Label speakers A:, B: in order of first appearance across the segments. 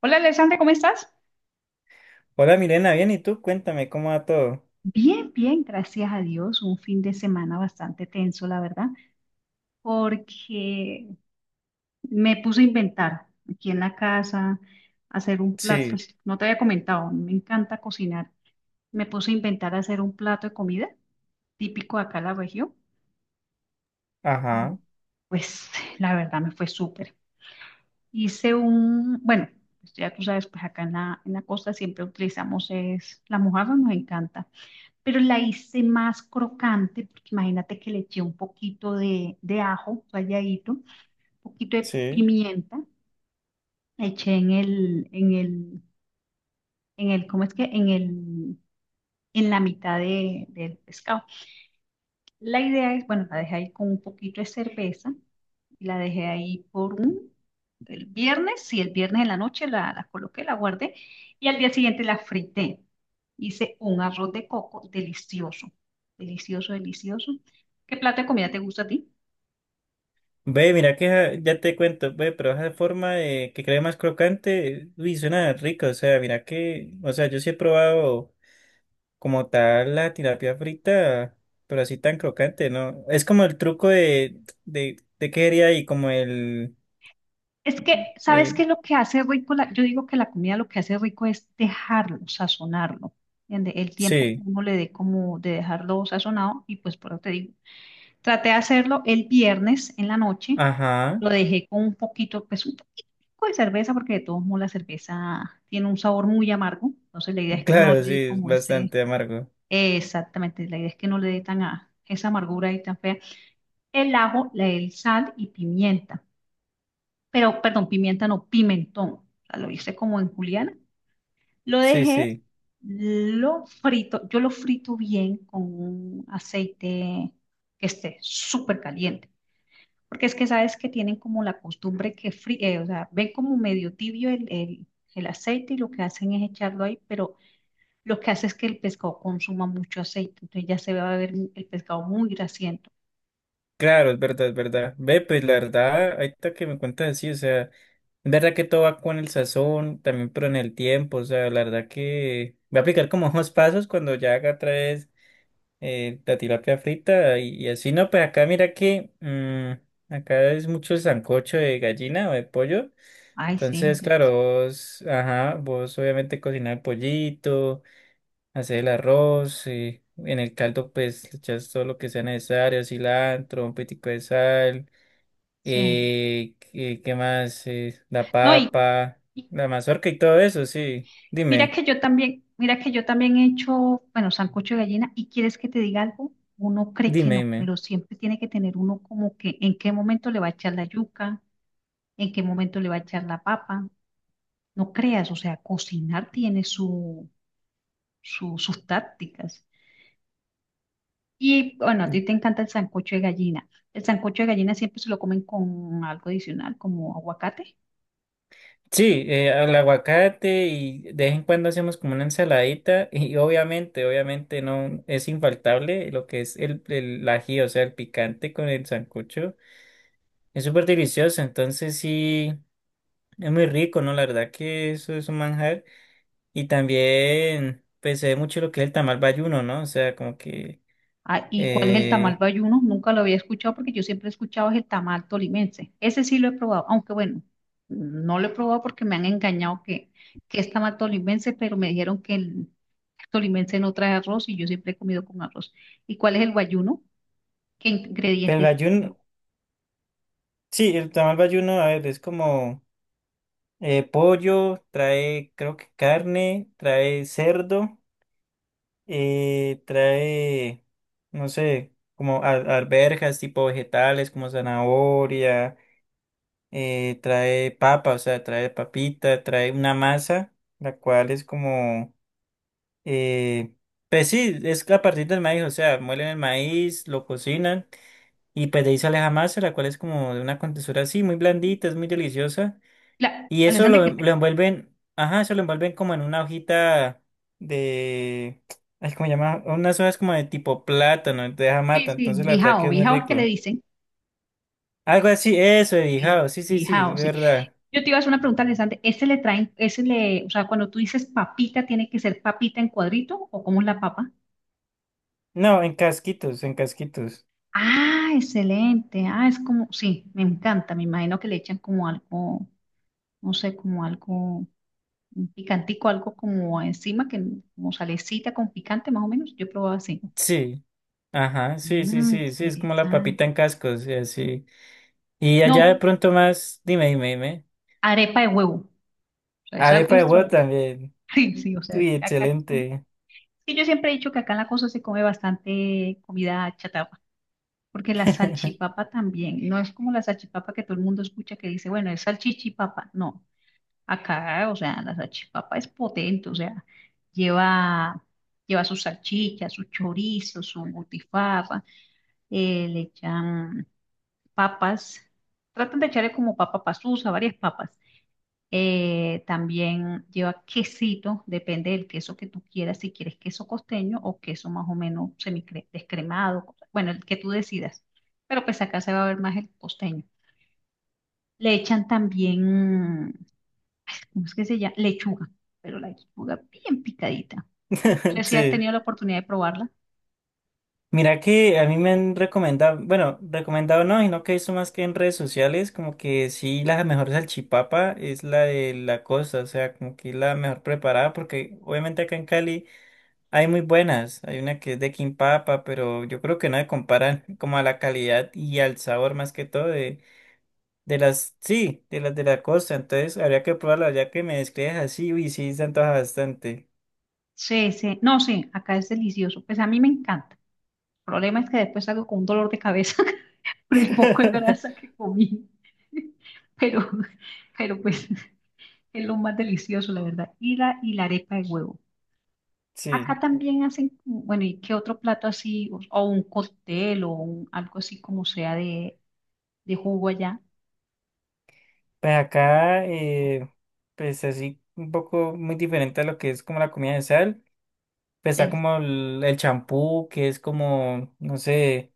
A: Hola, Alexandra, ¿cómo estás?
B: Hola Mirena, bien, ¿y tú? Cuéntame cómo va todo.
A: Bien, bien, gracias a Dios. Un fin de semana bastante tenso, la verdad, porque me puse a inventar aquí en la casa, hacer un plato.
B: Sí,
A: Pues no te había comentado, me encanta cocinar. Me puse a inventar hacer un plato de comida típico de acá en la región.
B: ajá,
A: Pues la verdad me fue súper. Hice un, bueno, pues, ya tú sabes, pues acá en la costa siempre utilizamos es la mojarra, nos encanta. Pero la hice más crocante, porque imagínate que le eché un poquito de ajo ralladito, un poquito de
B: sí.
A: pimienta, la eché en el ¿cómo es que? En el, en la mitad del pescado. La idea es, bueno, la dejé ahí con un poquito de cerveza y la dejé ahí por un, el viernes, sí, el viernes en la noche la coloqué, la guardé y al día siguiente la frité. Hice un arroz de coco delicioso, delicioso, delicioso. ¿Qué plato de comida te gusta a ti?
B: Ve, mira que ya te cuento, ve, pero esa forma de que quede más crocante, uy, suena rico, o sea, mira que, o sea, yo sí he probado como tal la tilapia frita, pero así tan crocante, ¿no? Es como el truco de qué haría ahí, como el,
A: Es que, ¿sabes
B: el,
A: qué es lo que hace rico? Yo digo que la comida lo que hace rico es dejarlo, sazonarlo. ¿Entiende? El tiempo que
B: sí,
A: uno le dé como de dejarlo sazonado, y pues por eso te digo, traté de hacerlo el viernes en la noche.
B: ajá,
A: Lo dejé con un poquito, pues un poquito de cerveza, porque de todos modos la cerveza tiene un sabor muy amargo. Entonces la idea es que no
B: claro,
A: le
B: sí,
A: dé
B: es
A: como ese,
B: bastante amargo,
A: exactamente, la idea es que no le dé esa amargura y tan fea. El ajo, el sal y pimienta. Pero, perdón, pimienta no, pimentón. O sea, lo hice como en juliana. Lo
B: sí,
A: dejé,
B: sí.
A: lo frito, yo lo frito bien con un aceite que esté súper caliente. Porque es que sabes que tienen como la costumbre que o sea, ven como medio tibio el aceite y lo que hacen es echarlo ahí, pero lo que hace es que el pescado consuma mucho aceite, entonces ya se va a ver el pescado muy grasiento.
B: Claro, es verdad, es verdad. Ve, pues la verdad, ahorita que me cuentas así, o sea, es verdad que todo va con el sazón, también, pero en el tiempo, o sea, la verdad que voy a aplicar como unos pasos cuando ya haga otra vez la tilapia frita y así, no, pues acá mira que acá es mucho el sancocho de gallina o de pollo,
A: Ay, sí,
B: entonces, claro,
A: delicioso.
B: vos, ajá, vos obviamente cocinar el pollito, hacer el arroz, en el caldo pues le echas todo lo que sea necesario, cilantro, un poquitico de sal.
A: Sí.
B: Qué más? La
A: No,
B: papa,
A: y
B: la mazorca y todo eso, sí.
A: mira
B: Dime,
A: que yo también, mira que yo también he hecho, bueno, sancocho de gallina, y quieres que te diga algo, uno cree que
B: dime,
A: no,
B: dime.
A: pero siempre tiene que tener uno como que en qué momento le va a echar la yuca, en qué momento le va a echar la papa. No creas, o sea, cocinar tiene su, sus tácticas. Y bueno, a ti te encanta el sancocho de gallina. El sancocho de gallina siempre se lo comen con algo adicional, como aguacate.
B: Sí, el aguacate y de vez en cuando hacemos como una ensaladita y obviamente no es infaltable lo que es el ají, o sea, el picante con el sancocho. Es súper delicioso, entonces sí, es muy rico, ¿no? La verdad que eso es un manjar. Y también, pues, se ve mucho lo que es el tamal bayuno, ¿no? O sea, como que
A: Ah, ¿y cuál es el tamal
B: eh,
A: bayuno? Nunca lo había escuchado porque yo siempre he escuchado es el tamal tolimense. Ese sí lo he probado, aunque bueno, no lo he probado porque me han engañado que es tamal tolimense, pero me dijeron que el tolimense no trae arroz y yo siempre he comido con arroz. ¿Y cuál es el bayuno? ¿Qué
B: el
A: ingrediente tiene?
B: bayuno, sí, el tamal bayuno, a ver, es como pollo, trae, creo que carne, trae cerdo, eh, trae, no sé, como alberjas, tipo vegetales, como zanahoria, trae papa, o sea, trae papita, trae una masa, la cual es como, eh, pues sí, es a partir del maíz, o sea, muelen el maíz, lo cocinan, y pues de ahí sale la masa, la cual es como de una contextura así, muy blandita, es muy deliciosa.
A: La,
B: Y eso
A: Alessandra,
B: lo,
A: ¿qué
B: lo envuelven, ajá, eso lo envuelven como en una hojita de, ay, ¿cómo se llama? Unas hojas como de tipo plátano, de
A: sí,
B: mata,
A: sí,
B: entonces la verdad que
A: bijao,
B: es muy
A: bijao es que le
B: rico.
A: dicen,
B: Algo así, eso, de
A: el
B: bijao, sí, sí, sí, de
A: bijao, sí.
B: verdad.
A: Yo te iba a hacer una pregunta, Alessandra, ¿ese le traen, ese le, o sea, cuando tú dices papita, tiene que ser papita en cuadrito o cómo es la papa?
B: No, en casquitos, en casquitos.
A: Ah, excelente, ah, es como, sí, me encanta, me imagino que le echan como algo, no sé, como algo, un picantico, algo como encima, que como salecita con picante más o menos, yo he probado así.
B: Sí, ajá, sí, sí,
A: Mm,
B: sí, sí, es como la papita
A: interesante.
B: en cascos, y así. Y
A: No,
B: allá de pronto más, dime, dime, dime.
A: arepa de huevo, o sea, es algo
B: Arepa de huevo
A: extraordinario,
B: también.
A: sí, sí, o sea, es
B: Uy,
A: caca.
B: excelente.
A: Sí, yo siempre he dicho que acá en la costa se come bastante comida chatarra, porque la salchipapa también, no es como la salchipapa que todo el mundo escucha que dice, bueno, es salchichipapa, no, acá, o sea, la salchipapa es potente, o sea, lleva, lleva su salchicha, su chorizo, su butifarra, le echan papas, tratan de echarle como papa pasusa, varias papas. También lleva quesito, depende del queso que tú quieras, si quieres queso costeño o queso más o menos semidescremado, bueno, el que tú decidas. Pero pues acá se va a ver más el costeño. Le echan también, ¿cómo es que se llama? Lechuga, pero la lechuga bien picadita. No sé si has
B: Sí.
A: tenido la oportunidad de probarla.
B: Mira que a mí me han recomendado, bueno, recomendado no, sino que eso más que en redes sociales, como que sí, la mejor salchipapa es la de la costa, o sea, como que es la mejor preparada, porque obviamente acá en Cali hay muy buenas, hay una que es de Quimpapa, pero yo creo que no se comparan como a la calidad y al sabor más que todo de las, sí, de las de la costa, entonces habría que probarla, ya que me describes así, uy, sí, se antoja bastante.
A: Sí, sí, no, sí, acá es delicioso. Pues a mí me encanta. El problema es que después salgo con un dolor de cabeza por el poco de grasa que comí. Pero, pero pues. Es lo más delicioso, la verdad. Y la arepa de huevo. Acá
B: Sí.
A: también hacen, bueno, ¿y qué otro plato así? O un cóctel o algo así como sea de jugo allá.
B: Pues acá, pues así, un poco muy diferente a lo que es como la comida de sal. Pues está
A: Sí,
B: como el champú, que es como, no sé,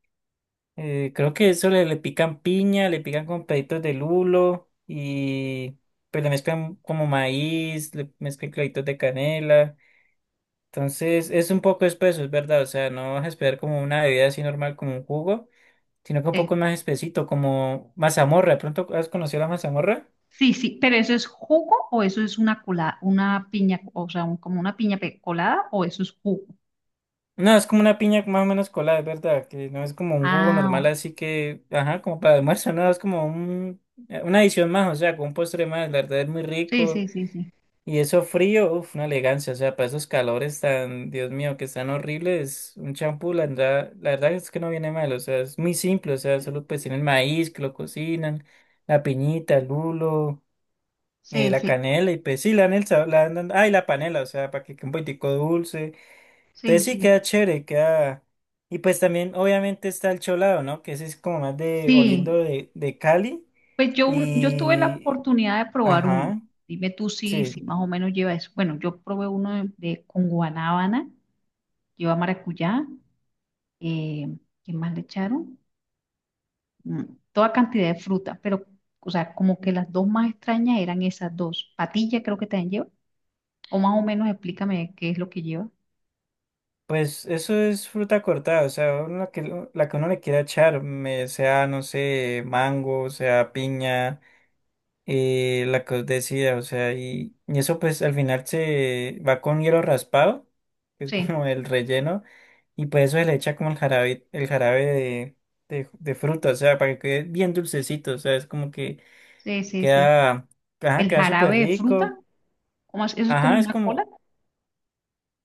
B: creo que eso le pican piña, le pican con peditos de lulo y pues le mezclan como maíz, le mezclan claditos de canela. Entonces es un poco espeso, es verdad. O sea, no vas a esperar como una bebida así normal, como un jugo, sino que un poco
A: sí.
B: más espesito, como mazamorra. ¿De pronto has conocido la mazamorra?
A: Sí, sí, pero ¿eso es jugo o eso es una colada, una piña, o sea, como una piña colada o eso es jugo?
B: No, es como una piña más o menos colada, es verdad, que no es como un jugo
A: Ah,
B: normal,
A: o-
B: así que, ajá, como para almuerzo, no, es como una adición más, o sea, con un postre más, la verdad es muy
A: sí,
B: rico.
A: sí, sí, sí.
B: Y eso frío, uff, una elegancia, o sea, para esos calores tan, Dios mío, que están horribles, un champú, la verdad es que no viene mal, o sea, es muy simple, o sea, solo pues tienen maíz, que lo cocinan, la piñita, el lulo,
A: Sí,
B: la
A: sí,
B: canela, y pues sí, le dan el sabor, le dan, ay, la panela, o sea, para que quede un poquitico dulce.
A: sí,
B: Entonces sí
A: sí.
B: queda chévere, queda. Y pues también obviamente está el cholado, ¿no? Que ese es como más de oriendo
A: Sí,
B: de Cali.
A: pues yo, yo tuve la
B: Y...
A: oportunidad de probar uno.
B: Ajá,
A: Dime tú si,
B: sí.
A: si más o menos lleva eso. Bueno, yo probé uno con guanábana, lleva maracuyá, eh, ¿qué más le echaron? Mm, toda cantidad de fruta, pero, o sea, como que las dos más extrañas eran esas dos. Patilla creo que también lleva, o más o menos explícame qué es lo que lleva.
B: Pues eso es fruta cortada, o sea, uno la que uno le quiera echar, sea, no sé, mango, sea piña. La caudecia, o sea, y eso pues al final se va con hielo raspado, que es
A: Sí,
B: como el relleno, y pues eso se le echa como el jarabe, de fruta, o sea, para que quede bien dulcecito, o sea, es como que
A: sí, sí, sí. Sí.
B: queda, ajá,
A: El
B: queda súper
A: jarabe de
B: rico,
A: fruta, ¿cómo es? ¿Eso es como
B: ajá, es
A: una cola?
B: como,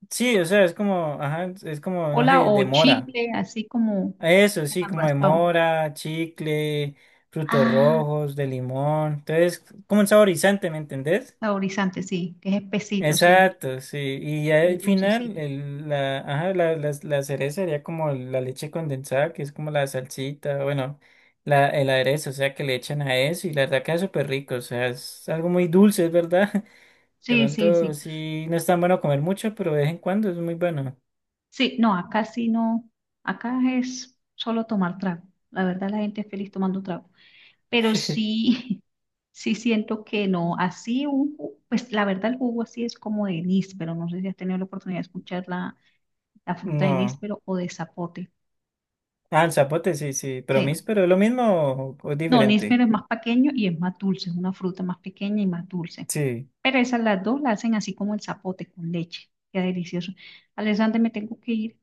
B: sí, o sea, es como, ajá, es como, no
A: Cola
B: sé, de
A: o
B: mora,
A: chicle, así como
B: eso
A: en
B: sí,
A: el
B: como de
A: raspado.
B: mora, chicle, frutos
A: Ah.
B: rojos, de limón, entonces, como un saborizante, ¿me entendés?
A: Saborizante, sí, que es espesito, sí,
B: Exacto, sí. Y ya
A: y
B: al
A: es
B: final,
A: dulcecito.
B: el, la, ajá, la cereza sería como la leche condensada, que es como la salsita, bueno, el aderezo, o sea, que le echan a eso y la verdad queda súper rico, o sea, es algo muy dulce, es verdad. De
A: Sí, sí,
B: pronto
A: sí.
B: sí, no es tan bueno comer mucho, pero de vez en cuando es muy bueno.
A: Sí no, acá es solo tomar trago. La verdad, la gente es feliz tomando trago. Pero sí, sí siento que no, así un jugo, pues la verdad el jugo así es como de níspero, no sé si has tenido la oportunidad de escuchar la, la fruta de
B: No.
A: níspero o de zapote.
B: Ah, el zapote, sí, sí, pero
A: Sí.
B: pero es lo mismo o es
A: No,
B: diferente.
A: níspero es más pequeño y es más dulce, es una fruta más pequeña y más dulce.
B: Sí.
A: Pero esas las dos la hacen así como el zapote con leche. Qué delicioso. Alexander, me tengo que ir.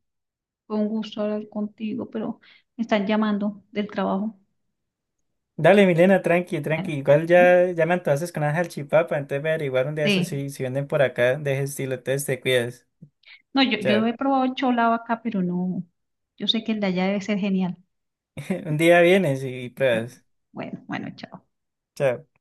A: Fue un gusto hablar contigo, pero me están llamando del trabajo.
B: Dale, Milena, tranqui,
A: Bueno,
B: tranqui. Igual ya me antojaste con una salchipapa, entonces voy a averiguar un día eso
A: sí.
B: si venden por acá de ese estilo. Entonces te cuidas.
A: No, yo
B: Chao.
A: he probado el cholado acá, pero no. Yo sé que el de allá debe ser genial.
B: Un día vienes y
A: Bueno,
B: pruebas.
A: bueno, bueno, chao.
B: Chao.